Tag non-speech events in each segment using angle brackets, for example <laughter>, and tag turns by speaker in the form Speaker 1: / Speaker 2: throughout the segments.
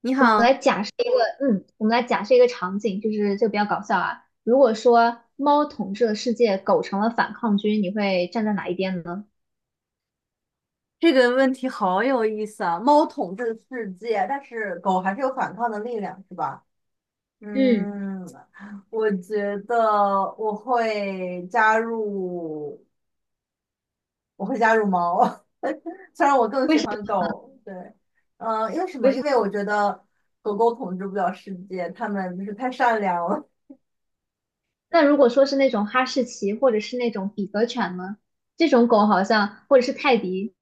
Speaker 1: 你
Speaker 2: 我们来
Speaker 1: 好，
Speaker 2: 假设一个，嗯，我们来假设一个场景，就比较搞笑啊。如果说猫统治了世界，狗成了反抗军，你会站在哪一边呢？
Speaker 1: 这个问题好有意思啊！猫统治世界，但是狗还是有反抗的力量，是吧？
Speaker 2: 嗯，
Speaker 1: 嗯，我觉得我会加入，我会加入猫，<laughs> 虽然我更
Speaker 2: 为
Speaker 1: 喜
Speaker 2: 什
Speaker 1: 欢
Speaker 2: 么？
Speaker 1: 狗。对，因为什
Speaker 2: 为
Speaker 1: 么？
Speaker 2: 什
Speaker 1: 因为
Speaker 2: 么？
Speaker 1: 我觉得狗狗统治不了世界，它们就是太善良了。
Speaker 2: 那如果说是那种哈士奇，或者是那种比格犬呢？这种狗好像，或者是泰迪，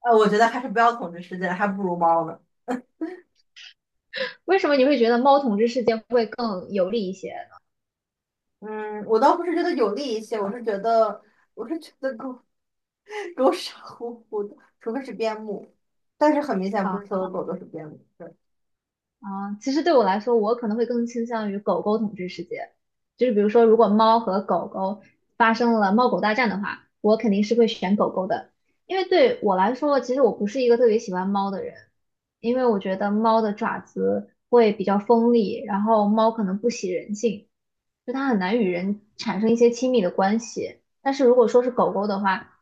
Speaker 1: 我觉得还是不要统治世界，还不如猫呢。
Speaker 2: 为什么你会觉得猫统治世界会更有利一些呢？
Speaker 1: 嗯，我倒不是觉得有利一些，我是觉得，我是觉得狗。狗傻乎乎的，除非是边牧，但是很明显不
Speaker 2: 啊。
Speaker 1: 是所有狗都是边牧。对。
Speaker 2: 啊，其实对我来说，我可能会更倾向于狗狗统治世界。就是比如说，如果猫和狗狗发生了猫狗大战的话，我肯定是会选狗狗的，因为对我来说，其实我不是一个特别喜欢猫的人，因为我觉得猫的爪子会比较锋利，然后猫可能不喜人性。就它很难与人产生一些亲密的关系。但是如果说是狗狗的话，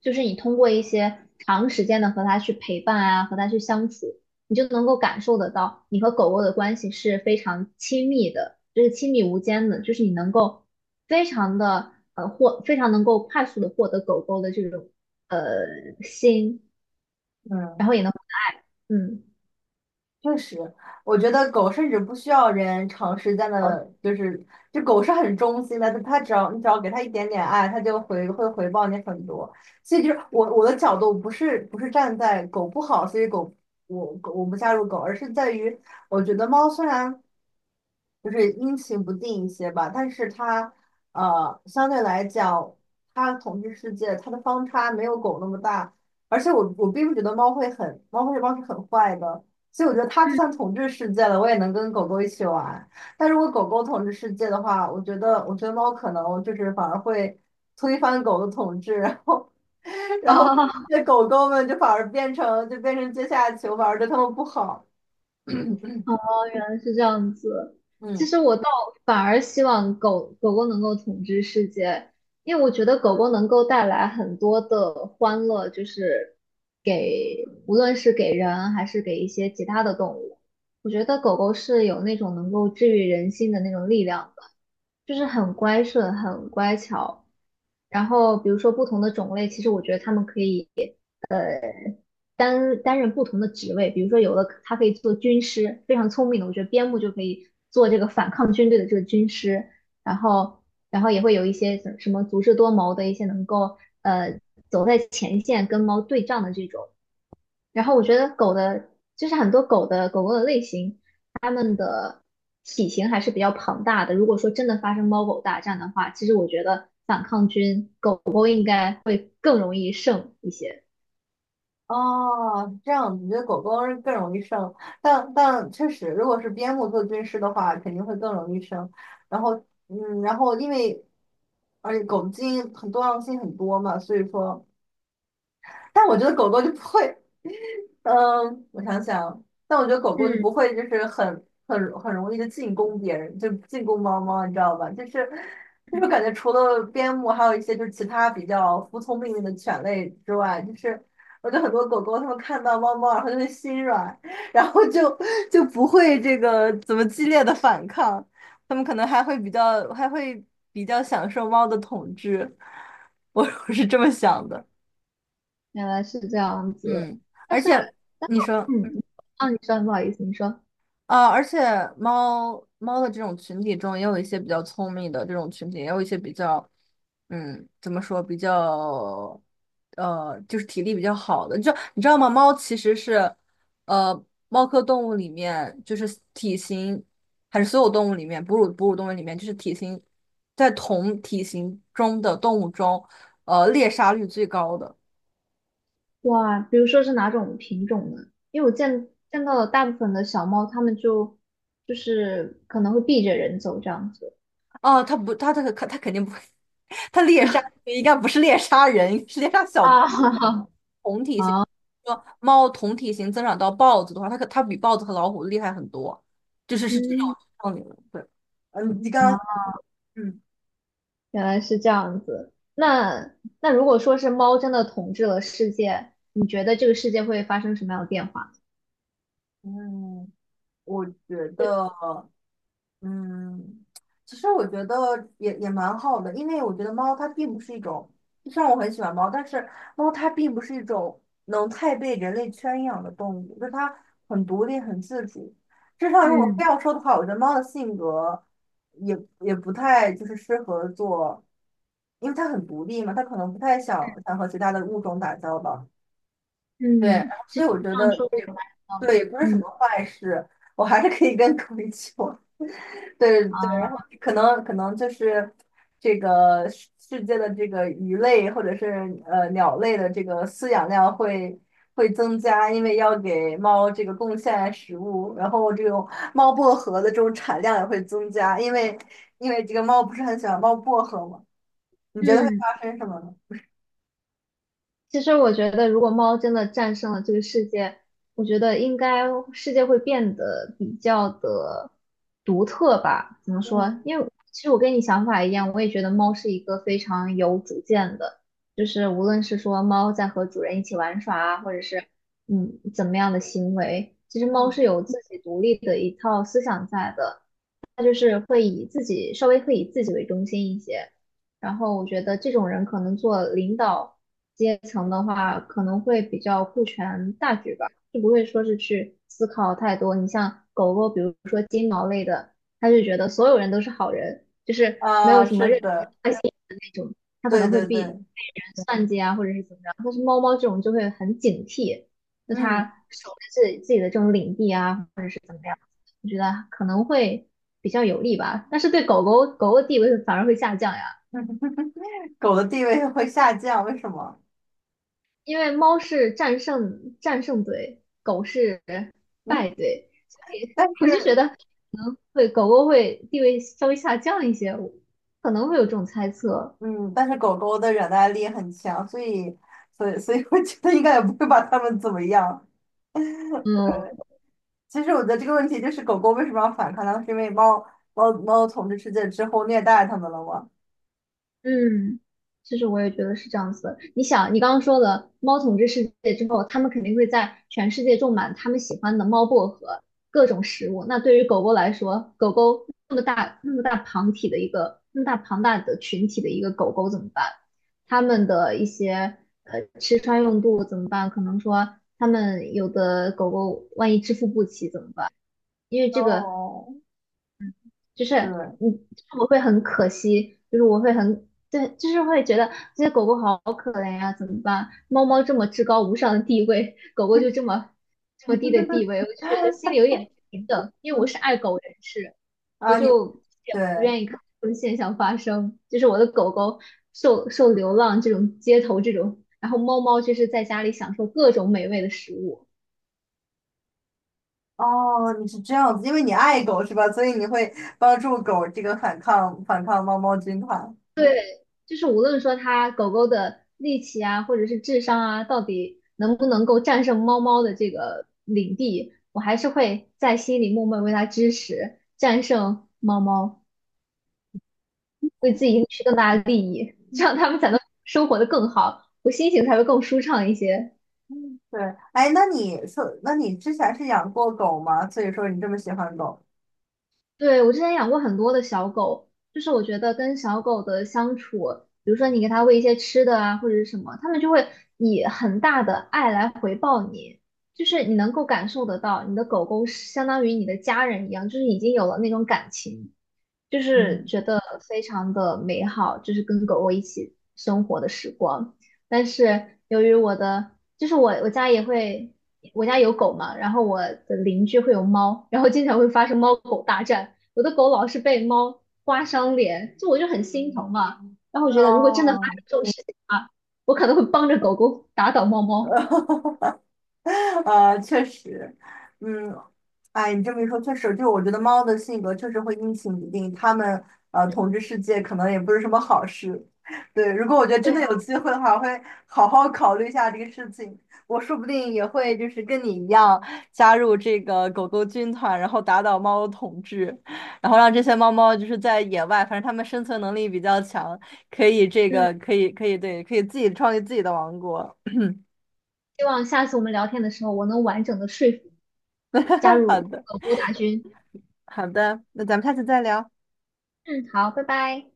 Speaker 2: 就是你通过一些长时间的和它去陪伴啊，和它去相处，你就能够感受得到你和狗狗的关系是非常亲密的，就是亲密无间的，就是你能够，非常能够快速的获得狗狗的这种呃心，然
Speaker 1: 嗯。
Speaker 2: 后也能嗯。<laughs>
Speaker 1: 确实，我觉得狗甚至不需要人长时间的，就是这狗是很忠心的，它只要你只要给它一点点爱，它就回会回报你很多。所以就是我的角度不是站在狗不好，所以狗我狗我不加入狗，而是在于我觉得猫虽然就是阴晴不定一些吧，但是它相对来讲，它统治世界它的方差没有狗那么大，而且我并不觉得猫会很猫会猫是很坏的。所以我觉得它就
Speaker 2: 嗯
Speaker 1: 算统治世界了，我也能跟狗狗一起玩。但如果狗狗统治世界的话，我觉得，我觉得猫可能就是反而会推翻狗的统治，然后，<laughs> 然后
Speaker 2: 哦，
Speaker 1: 那狗狗们就反而变成就变成阶下囚，反而对它们不好。<coughs>
Speaker 2: 哦，
Speaker 1: <clears throat>
Speaker 2: 原来是这样子。其
Speaker 1: 嗯。
Speaker 2: 实我倒反而希望狗狗能够统治世界，因为我觉得狗狗能够带来很多的欢乐，就是给无论是给人还是给一些其他的动物，我觉得狗狗是有那种能够治愈人心的那种力量的，就是很乖顺、很乖巧。然后比如说不同的种类，其实我觉得它们可以。担任不同的职位，比如说有的他可以做军师，非常聪明的，我觉得边牧就可以做这个反抗军队的这个军师，然后然后也会有一些什么足智多谋的一些能够走在前线跟猫对仗的这种，然后我觉得狗的就是很多狗狗的类型，它们的体型还是比较庞大的，如果说真的发生猫狗大战的话，其实我觉得反抗军狗狗应该会更容易胜一些，
Speaker 1: 哦，这样你觉得狗狗是更容易生，但但确实，如果是边牧做军师的话，肯定会更容易生。然后，嗯，然后因为而且狗的基因很多样性很多嘛，所以说。但我觉得狗狗就不会，嗯，我想想，但我觉得狗狗就
Speaker 2: 嗯，
Speaker 1: 不会，就是很很容易的进攻别人，就进攻猫猫，你知道吧？就是就是感觉除了边牧，还有一些就是其他比较服从命令的犬类之外，就是我觉得很多狗狗它们看到猫猫，然后就会心软，然后就就不会这个怎么激烈的反抗，它们可能还会比较还会比较享受猫的统治，<laughs> 我我是这么想的。
Speaker 2: 原来是这样子。
Speaker 1: 嗯，
Speaker 2: 但
Speaker 1: 而
Speaker 2: 是，
Speaker 1: 且你说，
Speaker 2: 嗯，啊，你说，不好意思，你说，
Speaker 1: 啊，而且猫猫的这种群体中，也有一些比较聪明的这种群体，也有一些比较，嗯，怎么说，比较，就是体力比较好的。就你知道吗？猫其实是，呃，猫科动物里面，就是体型，还是所有动物里面，哺乳动物里面，就是体型在同体型中的动物中，猎杀率最高的。
Speaker 2: 哇，比如说是哪种品种呢？因为我见到了大部分的小猫，它们就就是可能会避着人走这样子。
Speaker 1: 哦，他不，他肯定不会，<laughs> 他猎杀应该不是猎杀人，是猎杀小
Speaker 2: 啊，<laughs>
Speaker 1: 同体型。说猫同体型增长到豹子的话，它可它比豹子和老虎厉害很多，就是是这种
Speaker 2: 嗯，
Speaker 1: 道理了对，嗯，你刚刚，
Speaker 2: 啊，
Speaker 1: 嗯。
Speaker 2: 原来是这样子。那那如果说是猫真的统治了世界，你觉得这个世界会发生什么样的变化？
Speaker 1: 嗯，我觉得。嗯，其实我觉得也也蛮好的，因为我觉得猫它并不是一种，虽然我很喜欢猫，但是猫它并不是一种能太被人类圈养的动物，就是它很独立、很自主。至少如果非
Speaker 2: 嗯
Speaker 1: 要说的话，我觉得猫的性格也也不太就是适合做，因为它很独立嘛，它可能不太想想和其他的物种打交道。对，然
Speaker 2: 嗯，
Speaker 1: 后
Speaker 2: 其
Speaker 1: 所
Speaker 2: 实
Speaker 1: 以我
Speaker 2: 你
Speaker 1: 觉
Speaker 2: 这样
Speaker 1: 得
Speaker 2: 说的也
Speaker 1: 也
Speaker 2: 蛮有道理
Speaker 1: 对，
Speaker 2: 的。
Speaker 1: 也不是什
Speaker 2: 嗯
Speaker 1: 么坏事，我还是可以跟狗一起玩。对对，然后
Speaker 2: 啊，
Speaker 1: 可能可能就是这个世世界的这个鱼类或者是鸟类的这个饲养量会会增加，因为要给猫这个贡献食物，然后这种猫薄荷的这种产量也会增加，因为因为这个猫不是很喜欢猫薄荷嘛，你觉得会
Speaker 2: 嗯。
Speaker 1: 发生什么呢？
Speaker 2: 其实我觉得，如果猫真的战胜了这个世界，我觉得应该世界会变得比较的独特吧？怎么
Speaker 1: 嗯。
Speaker 2: 说？因为其实我跟你想法一样，我也觉得猫是一个非常有主见的，就是无论是说猫在和主人一起玩耍啊，或者是怎么样的行为，其实猫
Speaker 1: 嗯，
Speaker 2: 是有自己独立的一套思想在的。他就是会以自己稍微会以自己为中心一些。然后我觉得这种人可能做领导阶层的话，可能会比较顾全大局吧，就不会说是去思考太多。你像狗狗，比如说金毛类的，他就觉得所有人都是好人，就是没有
Speaker 1: 啊，
Speaker 2: 什么
Speaker 1: 是
Speaker 2: 任何
Speaker 1: 的，
Speaker 2: 坏心的那种，他可
Speaker 1: 对
Speaker 2: 能会
Speaker 1: 对
Speaker 2: 被被
Speaker 1: 对。
Speaker 2: 人算计啊，或者是怎么样。但是猫猫这种就会很警惕，就
Speaker 1: 嗯。
Speaker 2: 它守着自己的这种领地啊，或者是怎么样。我觉得可能会比较有利吧。但是对狗狗的地位反而会下降呀，
Speaker 1: <laughs> 狗的地位会下降，为什么？
Speaker 2: 因为猫是战胜队，狗是败队。
Speaker 1: 但
Speaker 2: 我就觉
Speaker 1: 是
Speaker 2: 得可能会狗狗会地位稍微下降一些，我可能会有这种猜测。
Speaker 1: 嗯，但是狗狗的忍耐力很强，所以，所以，所以我觉得应该也不会把它们怎么样。
Speaker 2: 嗯，
Speaker 1: 对，其实我觉得这个问题就是狗狗为什么要反抗呢？是因为猫猫统治世界之后虐待它们了吗？
Speaker 2: 嗯，其实我也觉得是这样子的。你想，你刚刚说了猫统治世界之后，它们肯定会在全世界种满它们喜欢的猫薄荷各种食物。那对于狗狗来说，狗狗那么大那么大庞体的一个那么大庞大的群体的一个狗狗怎么办？它们的一些吃穿用度怎么办？可能说它们有的狗狗万一支付不起怎么办？因为这个
Speaker 1: 哦，
Speaker 2: 就是
Speaker 1: 对，
Speaker 2: 嗯，就是我会很可惜，就是我会很对，就是会觉得这些狗狗好可怜呀、怎么办？猫猫这么至高无上的地位，狗狗就这么低的地位，
Speaker 1: <laughs>
Speaker 2: 我就觉得心里有点不平等，因为我
Speaker 1: 嗯
Speaker 2: 是爱狗人士，我
Speaker 1: 啊，你
Speaker 2: 就也
Speaker 1: 对
Speaker 2: 不愿意看这种现象发生，就是我的狗狗受流浪这种街头这种，然后猫猫就是在家里享受各种美味的食物。
Speaker 1: 哦，你是这样子，因为你爱狗是吧？所以你会帮助狗这个反抗猫猫军团。
Speaker 2: 就是无论说它狗狗的力气啊，或者是智商啊，到底能不能够战胜猫猫的这个领地，我还是会在心里默默为它支持，战胜猫猫，为自己赢取更大的利益，这
Speaker 1: 嗯。
Speaker 2: 样它们才能生活的更好，我心情才会更舒畅一些。
Speaker 1: 嗯对，哎，那你说，那你之前是养过狗吗？所以说你这么喜欢狗。
Speaker 2: 对，我之前养过很多的小狗，就是我觉得跟小狗的相处，比如说你给它喂一些吃的啊，或者是什么，它们就会以很大的爱来回报你，就是你能够感受得到，你的狗狗是相当于你的家人一样，就是已经有了那种感情。就是
Speaker 1: 嗯，
Speaker 2: 觉得非常的美好，就是跟狗狗一起生活的时光。但是由于我的，就是我家也会，我家有狗嘛，然后我的邻居会有猫，然后经常会发生猫狗大战。我的狗老是被猫刮伤脸，就我就很心疼嘛。然后我觉得如果真的发
Speaker 1: 哦，
Speaker 2: 生这种事情啊，我可能会帮着狗狗打倒猫
Speaker 1: <laughs>
Speaker 2: 猫。
Speaker 1: 哈哈哈确实，嗯，哎，你这么一说，确实，就我觉得猫的性格确实会阴晴不定，它们统治世界可能也不是什么好事。对，如果我觉得真
Speaker 2: 对
Speaker 1: 的
Speaker 2: 啊，
Speaker 1: 有机会的话，我会好好考虑一下这个事情。我说不定也会就是跟你一样加入这个狗狗军团，然后打倒猫统治，然后让这些猫猫就是在野外，反正它们生存能力比较强，可以这
Speaker 2: 嗯，
Speaker 1: 个可以可以对，可以自己创立自己的王国。
Speaker 2: 希望下次我们聊天的时候，我能完整的说服加
Speaker 1: <laughs>
Speaker 2: 入
Speaker 1: 好的，
Speaker 2: 狗狗大军。
Speaker 1: 好的，那咱们下次再聊。
Speaker 2: 嗯，好，拜拜。